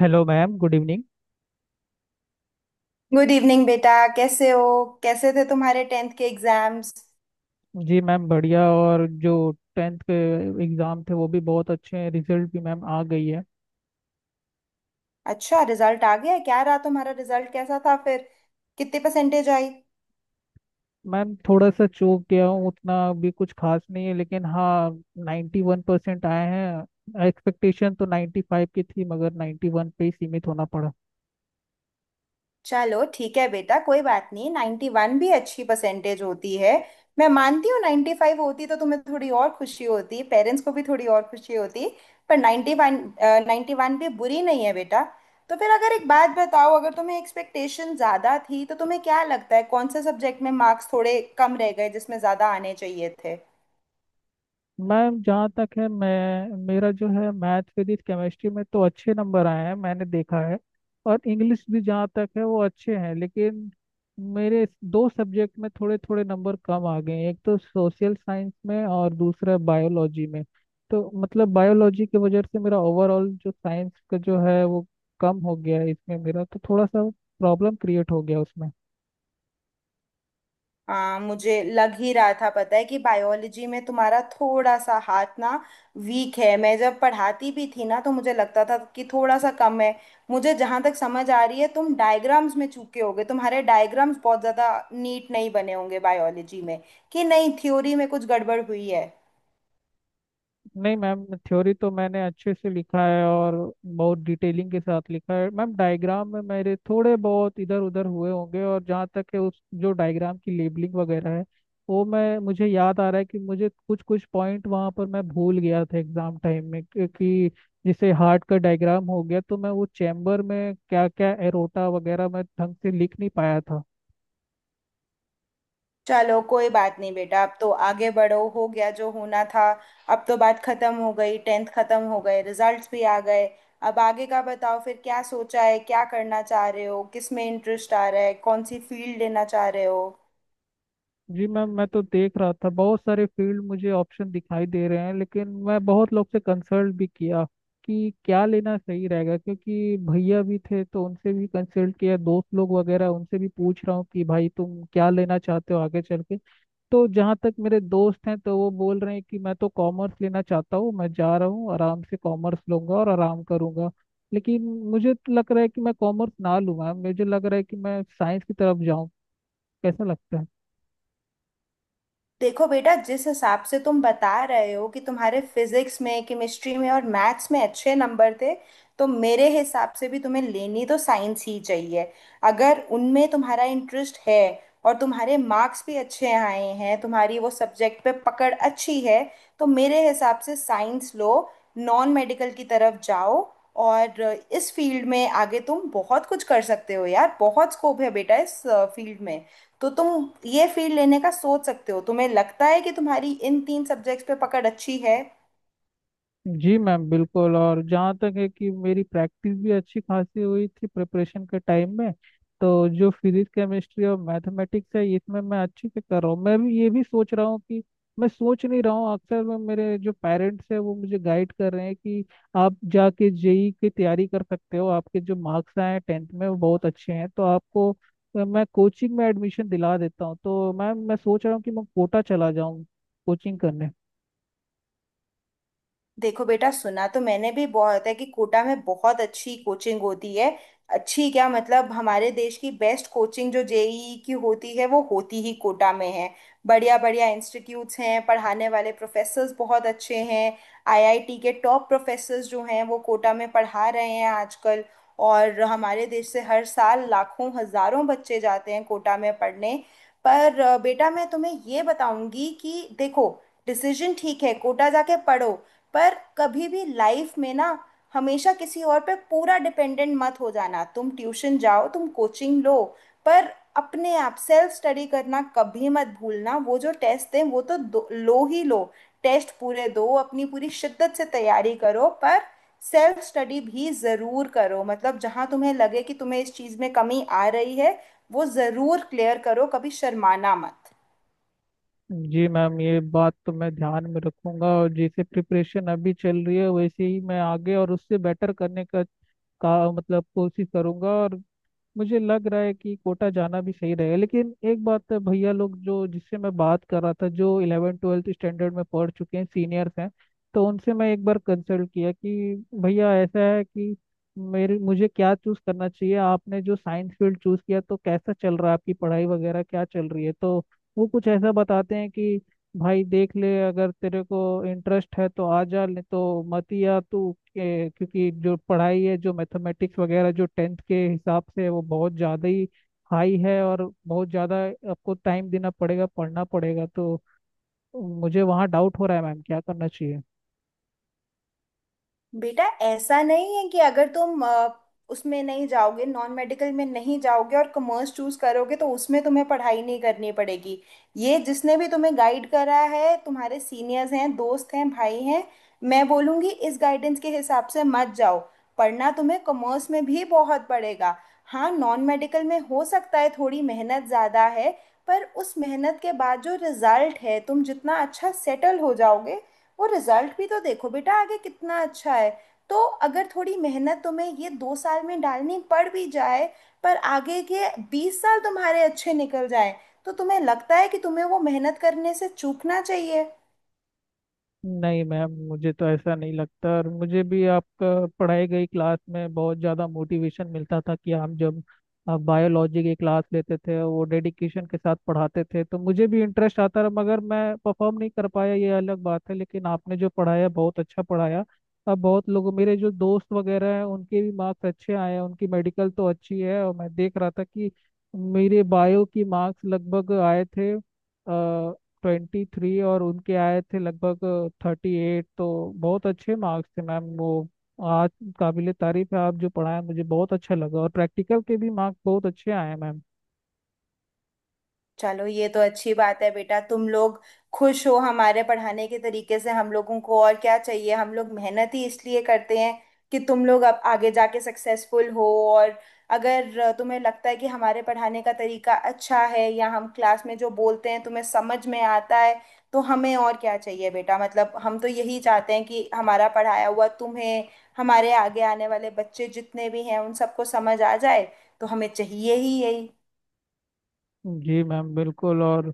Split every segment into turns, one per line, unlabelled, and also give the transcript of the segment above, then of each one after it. Hello ma'am, good evening.
Good evening बेटा, कैसे हो? कैसे थे तुम्हारे टेंथ के एग्जाम्स?
जी मैम बढ़िया, और जो टेंथ के एग्ज़ाम थे वो भी बहुत अच्छे हैं, रिजल्ट भी मैम आ गई है।
अच्छा, रिजल्ट आ गया? क्या रहा तुम्हारा रिजल्ट? कैसा था फिर? कितनी परसेंटेज आई?
मैम थोड़ा सा चूक गया हूँ, उतना भी कुछ खास नहीं है लेकिन हाँ, 91% आए हैं। एक्सपेक्टेशन तो 95 की थी, मगर 91 पे ही सीमित होना पड़ा।
चलो, ठीक है बेटा, कोई बात नहीं। 91 भी अच्छी परसेंटेज होती है। मैं मानती हूँ 95 होती तो तुम्हें थोड़ी और खुशी होती, पेरेंट्स को भी थोड़ी और खुशी होती। पर 91, 91 भी बुरी नहीं है बेटा। तो फिर अगर एक बात बताओ, अगर तुम्हें एक्सपेक्टेशन ज़्यादा थी तो तुम्हें क्या लगता है कौन से सब्जेक्ट में मार्क्स थोड़े कम रह गए जिसमें ज़्यादा आने चाहिए थे?
मैम जहाँ तक है, मैं मेरा जो है मैथ फिजिक्स केमिस्ट्री में तो अच्छे नंबर आए हैं, मैंने देखा है। और इंग्लिश भी जहाँ तक है वो अच्छे हैं, लेकिन मेरे दो सब्जेक्ट में थोड़े थोड़े नंबर कम आ गए हैं। एक तो सोशल साइंस में और दूसरा बायोलॉजी में। तो मतलब बायोलॉजी की वजह से मेरा ओवरऑल जो साइंस का जो है वो कम हो गया है, इसमें मेरा तो थोड़ा सा प्रॉब्लम क्रिएट हो गया उसमें।
हाँ, मुझे लग ही रहा था, पता है कि बायोलॉजी में तुम्हारा थोड़ा सा हाथ ना, वीक है। मैं जब पढ़ाती भी थी ना तो मुझे लगता था कि थोड़ा सा कम है। मुझे जहाँ तक समझ आ रही है तुम डायग्राम्स में चूके होगे, तुम्हारे डायग्राम्स बहुत ज़्यादा नीट नहीं बने होंगे बायोलॉजी में। कि नहीं, थ्योरी में कुछ गड़बड़ हुई है?
नहीं मैम, थ्योरी तो मैंने अच्छे से लिखा है, और बहुत डिटेलिंग के साथ लिखा है मैम। डायग्राम में मेरे थोड़े बहुत इधर उधर हुए होंगे, और जहाँ तक है उस जो डायग्राम की लेबलिंग वगैरह है वो, मैं मुझे याद आ रहा है कि मुझे कुछ कुछ पॉइंट वहाँ पर मैं भूल गया था एग्जाम टाइम में, कि जैसे हार्ट का डायग्राम हो गया तो मैं वो चैम्बर में क्या क्या एरोटा वगैरह मैं ढंग से लिख नहीं पाया था।
चलो, कोई बात नहीं बेटा, अब तो आगे बढ़ो, हो गया जो होना था। अब तो बात खत्म हो गई, टेंथ खत्म हो गए, रिजल्ट्स भी आ गए। अब आगे का बताओ फिर, क्या सोचा है? क्या करना चाह रहे हो? किस में इंटरेस्ट आ रहा है? कौन सी फील्ड लेना चाह रहे हो?
जी मैम, मैं तो देख रहा था बहुत सारे फील्ड मुझे ऑप्शन दिखाई दे रहे हैं, लेकिन मैं बहुत लोग से कंसल्ट भी किया कि क्या लेना सही रहेगा। क्योंकि भैया भी थे तो उनसे भी कंसल्ट किया, दोस्त लोग वगैरह उनसे भी पूछ रहा हूँ कि भाई तुम क्या लेना चाहते हो आगे चल के। तो जहाँ तक मेरे दोस्त हैं तो वो बोल रहे हैं कि मैं तो कॉमर्स लेना चाहता हूँ, मैं जा रहा हूँ आराम से, कॉमर्स लूंगा और आराम करूंगा। लेकिन मुझे तो लग रहा है कि मैं कॉमर्स ना लूँ। मैम मुझे लग रहा है कि मैं साइंस की तरफ जाऊँ, कैसा लगता है?
देखो बेटा, जिस हिसाब से तुम बता रहे हो कि तुम्हारे फिजिक्स में, केमिस्ट्री में और मैथ्स में अच्छे नंबर थे, तो मेरे हिसाब से भी तुम्हें लेनी तो साइंस ही चाहिए। अगर उनमें तुम्हारा इंटरेस्ट है और तुम्हारे मार्क्स भी अच्छे आए हैं, तुम्हारी वो सब्जेक्ट पे पकड़ अच्छी है, तो मेरे हिसाब से साइंस लो, नॉन मेडिकल की तरफ जाओ। और इस फील्ड में आगे तुम बहुत कुछ कर सकते हो यार, बहुत स्कोप है बेटा इस फील्ड में। तो तुम ये फील्ड लेने का सोच सकते हो। तुम्हें लगता है कि तुम्हारी इन तीन सब्जेक्ट्स पे पकड़ अच्छी है?
जी मैम बिल्कुल, और जहाँ तक है कि मेरी प्रैक्टिस भी अच्छी खासी हुई थी प्रिपरेशन के टाइम में। तो जो फिजिक्स केमिस्ट्री और मैथमेटिक्स है इसमें मैं अच्छे से कर रहा हूँ। मैं भी ये भी सोच रहा हूँ कि मैं सोच नहीं रहा हूँ, अक्सर मैं, मेरे जो पेरेंट्स हैं वो मुझे गाइड कर रहे हैं कि आप जाके जेई की तैयारी कर सकते हो, आपके जो मार्क्स आए हैं टेंथ में वो बहुत अच्छे हैं, तो आपको मैं कोचिंग में एडमिशन दिला देता हूँ। तो मैम मैं सोच रहा हूँ कि मैं कोटा चला जाऊँ कोचिंग करने।
देखो बेटा, सुना तो मैंने भी बहुत है कि कोटा में बहुत अच्छी कोचिंग होती है। अच्छी क्या, मतलब हमारे देश की बेस्ट कोचिंग जो जेईई की होती है वो होती ही कोटा में है। बढ़िया बढ़िया इंस्टीट्यूट्स हैं, पढ़ाने वाले प्रोफेसर्स बहुत अच्छे हैं। आईआईटी के टॉप प्रोफेसर्स जो हैं वो कोटा में पढ़ा रहे हैं आजकल। और हमारे देश से हर साल लाखों हजारों बच्चे जाते हैं कोटा में पढ़ने। पर बेटा, मैं तुम्हें ये बताऊंगी कि देखो, डिसीजन ठीक है, कोटा जाके पढ़ो, पर कभी भी लाइफ में ना, हमेशा किसी और पे पूरा डिपेंडेंट मत हो जाना। तुम ट्यूशन जाओ, तुम कोचिंग लो, पर अपने आप सेल्फ स्टडी करना कभी मत भूलना। वो जो टेस्ट दें वो तो दो, लो ही लो, टेस्ट पूरे दो, अपनी पूरी शिद्दत से तैयारी करो, पर सेल्फ स्टडी भी ज़रूर करो। मतलब जहाँ तुम्हें लगे कि तुम्हें इस चीज़ में कमी आ रही है, वो ज़रूर क्लियर करो, कभी शर्माना मत।
जी मैम ये बात तो मैं ध्यान में रखूंगा, और जैसे प्रिपरेशन अभी चल रही है वैसे ही मैं आगे और उससे बेटर करने का मतलब कोशिश करूंगा। और मुझे लग रहा है कि कोटा जाना भी सही रहेगा, लेकिन एक बात है। भैया लोग जो जिससे मैं बात कर रहा था जो 11th 12th स्टैंडर्ड में पढ़ चुके हैं, सीनियर्स हैं, तो उनसे मैं एक बार कंसल्ट किया कि भैया ऐसा है कि मेरे मुझे क्या चूज करना चाहिए, आपने जो साइंस फील्ड चूज किया तो कैसा चल रहा है, आपकी पढ़ाई वगैरह क्या चल रही है? तो वो कुछ ऐसा बताते हैं कि भाई देख ले, अगर तेरे को इंटरेस्ट है तो आ जा, नहीं तो मत ही आ। तू के- क्योंकि जो पढ़ाई है, जो मैथमेटिक्स वगैरह जो टेंथ के हिसाब से है वो बहुत ज़्यादा ही हाई है, और बहुत ज़्यादा आपको टाइम देना पड़ेगा, पढ़ना पड़ेगा। तो मुझे वहाँ डाउट हो रहा है मैम, क्या करना चाहिए?
बेटा, ऐसा नहीं है कि अगर तुम उसमें नहीं जाओगे, नॉन मेडिकल में नहीं जाओगे और कॉमर्स चूज करोगे तो उसमें तुम्हें पढ़ाई नहीं करनी पड़ेगी। ये जिसने भी तुम्हें गाइड करा है, तुम्हारे सीनियर्स हैं, दोस्त हैं, भाई हैं, मैं बोलूँगी इस गाइडेंस के हिसाब से मत जाओ। पढ़ना तुम्हें कॉमर्स में भी बहुत पड़ेगा। हाँ, नॉन मेडिकल में हो सकता है थोड़ी मेहनत ज़्यादा है, पर उस मेहनत के बाद जो रिजल्ट है, तुम जितना अच्छा सेटल हो जाओगे, वो रिजल्ट भी तो देखो बेटा आगे कितना अच्छा है। तो अगर थोड़ी मेहनत तुम्हें ये दो साल में डालनी पड़ भी जाए, पर आगे के बीस साल तुम्हारे अच्छे निकल जाएं, तो तुम्हें लगता है कि तुम्हें वो मेहनत करने से चूकना चाहिए?
नहीं मैम, मुझे तो ऐसा नहीं लगता, और मुझे भी आपका पढ़ाई गई क्लास में बहुत ज़्यादा मोटिवेशन मिलता था। कि हम जब बायोलॉजी की क्लास लेते थे वो डेडिकेशन के साथ पढ़ाते थे तो मुझे भी इंटरेस्ट आता रहा, मगर मैं परफॉर्म नहीं कर पाया ये अलग बात है। लेकिन आपने जो पढ़ाया बहुत अच्छा पढ़ाया। अब बहुत लोगों, मेरे जो दोस्त वगैरह हैं उनके भी मार्क्स अच्छे आए हैं, उनकी मेडिकल तो अच्छी है। और मैं देख रहा था कि मेरे बायो की मार्क्स लगभग आए थे 23, और उनके आए थे लगभग 38। तो बहुत अच्छे मार्क्स थे मैम वो। आज काबिले तारीफ है आप, जो पढ़ाए मुझे बहुत अच्छा लगा, और प्रैक्टिकल के भी मार्क्स बहुत अच्छे आए मैम।
चलो, ये तो अच्छी बात है बेटा, तुम लोग खुश हो हमारे पढ़ाने के तरीके से। हम लोगों को और क्या चाहिए? हम लोग मेहनत ही इसलिए करते हैं कि तुम लोग अब आगे जाके सक्सेसफुल हो। और अगर तुम्हें लगता है कि हमारे पढ़ाने का तरीका अच्छा है या हम क्लास में जो बोलते हैं तुम्हें समझ में आता है, तो हमें और क्या चाहिए बेटा? मतलब हम तो यही चाहते हैं कि हमारा पढ़ाया हुआ तुम्हें, हमारे आगे आने वाले बच्चे जितने भी हैं उन सबको समझ आ जाए। तो हमें चाहिए ही यही।
जी मैम बिल्कुल, और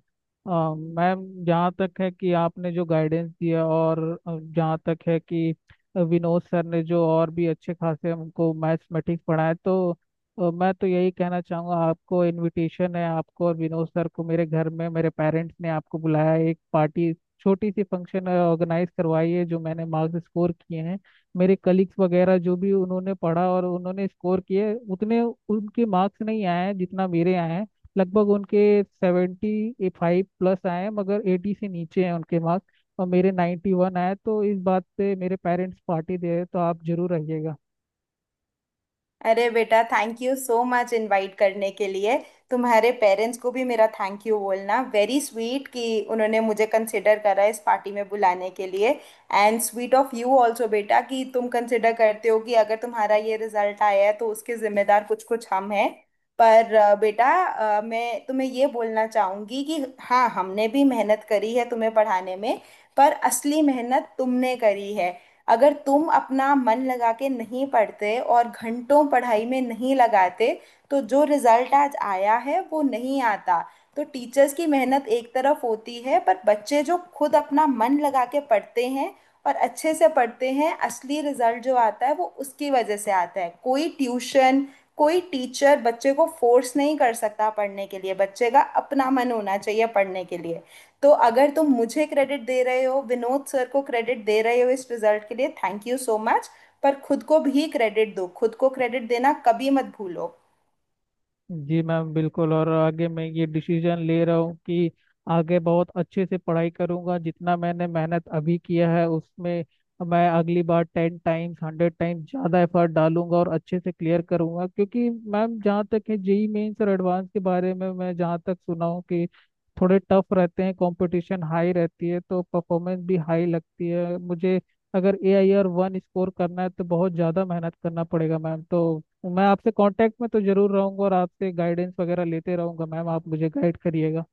मैम जहाँ तक है कि आपने जो गाइडेंस दिया, और जहाँ तक है कि विनोद सर ने जो और भी अच्छे खासे हमको मैथमेटिक्स पढ़ाए, तो मैं तो यही कहना चाहूँगा, आपको इनविटेशन है। आपको और विनोद सर को मेरे घर में मेरे पेरेंट्स ने आपको बुलाया है, एक पार्टी छोटी सी फंक्शन ऑर्गेनाइज करवाई है। जो मैंने मार्क्स स्कोर किए हैं, मेरे कलीग्स वगैरह जो भी उन्होंने पढ़ा और उन्होंने स्कोर किए, उतने उनके मार्क्स नहीं आए हैं जितना मेरे आए हैं। लगभग उनके 75+ आए हैं, मगर 80 से नीचे हैं उनके मार्क्स, और मेरे 91 आए। तो इस बात पे मेरे पेरेंट्स पार्टी दे रहे हैं, तो आप जरूर आइएगा।
अरे बेटा, thank you so much invite करने के लिए। तुम्हारे पेरेंट्स को भी मेरा थैंक यू बोलना, वेरी स्वीट कि उन्होंने मुझे कंसिडर करा इस पार्टी में बुलाने के लिए। And sweet of you also बेटा कि तुम कंसिडर करते हो कि अगर तुम्हारा ये रिजल्ट आया है तो उसके जिम्मेदार कुछ कुछ हम हैं। पर बेटा, मैं तुम्हें ये बोलना चाहूँगी कि हाँ, हमने भी मेहनत करी है तुम्हें पढ़ाने में, पर असली मेहनत तुमने करी है। अगर तुम अपना मन लगा के नहीं पढ़ते और घंटों पढ़ाई में नहीं लगाते तो जो रिजल्ट आज आया है वो नहीं आता। तो टीचर्स की मेहनत एक तरफ होती है, पर बच्चे जो खुद अपना मन लगा के पढ़ते हैं और अच्छे से पढ़ते हैं, असली रिजल्ट जो आता है वो उसकी वजह से आता है। कोई ट्यूशन, कोई टीचर बच्चे को फोर्स नहीं कर सकता पढ़ने के लिए, बच्चे का अपना मन होना चाहिए पढ़ने के लिए। तो अगर तुम मुझे क्रेडिट दे रहे हो, विनोद सर को क्रेडिट दे रहे हो इस रिजल्ट के लिए, थैंक यू सो मच। पर खुद को भी क्रेडिट दो, खुद को क्रेडिट देना कभी मत भूलो।
जी मैम बिल्कुल, और आगे मैं ये डिसीजन ले रहा हूँ कि आगे बहुत अच्छे से पढ़ाई करूँगा। जितना मैंने मेहनत अभी किया है उसमें, मैं अगली बार 10 टाइम्स 100 टाइम्स ज़्यादा एफर्ट डालूंगा और अच्छे से क्लियर करूँगा। क्योंकि मैम जहाँ तक है, जेई मेंस और एडवांस के बारे में मैं जहाँ तक सुना हूँ कि थोड़े टफ रहते हैं, कंपटीशन हाई रहती है, तो परफॉर्मेंस भी हाई लगती है मुझे। अगर AIR 1 स्कोर करना है तो बहुत ज़्यादा मेहनत करना पड़ेगा मैम। तो मैं आपसे कांटेक्ट में तो जरूर रहूंगा, और आपसे गाइडेंस वगैरह लेते रहूंगा। मैम आप मुझे गाइड करिएगा।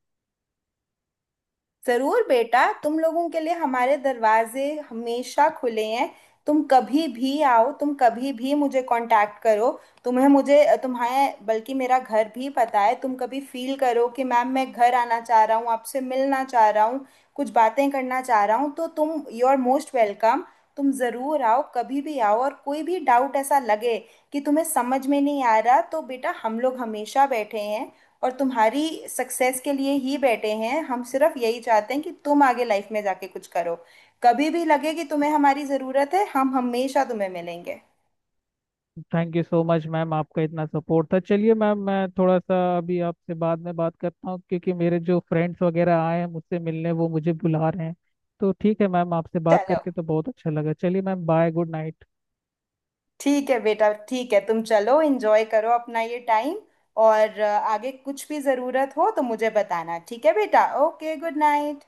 जरूर बेटा, तुम लोगों के लिए हमारे दरवाजे हमेशा खुले हैं। तुम कभी भी आओ, तुम कभी भी मुझे कांटेक्ट करो। तुम्हें मुझे, तुम्हें बल्कि मेरा घर भी पता है। तुम कभी फील करो कि मैम, मैं घर आना चाह रहा हूँ, आपसे मिलना चाह रहा हूँ, कुछ बातें करना चाह रहा हूँ, तो तुम यू आर मोस्ट वेलकम। तुम ज़रूर आओ, कभी भी आओ, और कोई भी डाउट ऐसा लगे कि तुम्हें समझ में नहीं आ रहा, तो बेटा, हम लोग हमेशा बैठे हैं और तुम्हारी सक्सेस के लिए ही बैठे हैं। हम सिर्फ यही चाहते हैं कि तुम आगे लाइफ में जाके कुछ करो। कभी भी लगे कि तुम्हें हमारी ज़रूरत है, हम हमेशा तुम्हें मिलेंगे।
Thank you so much ma'am, आपका इतना सपोर्ट था। चलिए मैम, मैं थोड़ा सा अभी आपसे बाद में बात करता हूँ, क्योंकि मेरे जो फ्रेंड्स वगैरह आए हैं मुझसे मिलने वो मुझे बुला रहे हैं। तो ठीक है मैम, आपसे बात
चलो,
करके तो बहुत अच्छा लगा। चलिए मैम, बाय, गुड नाइट।
ठीक है बेटा, ठीक है, तुम चलो, एंजॉय करो अपना ये टाइम। और आगे कुछ भी ज़रूरत हो तो मुझे बताना, ठीक है बेटा? Okay, good night.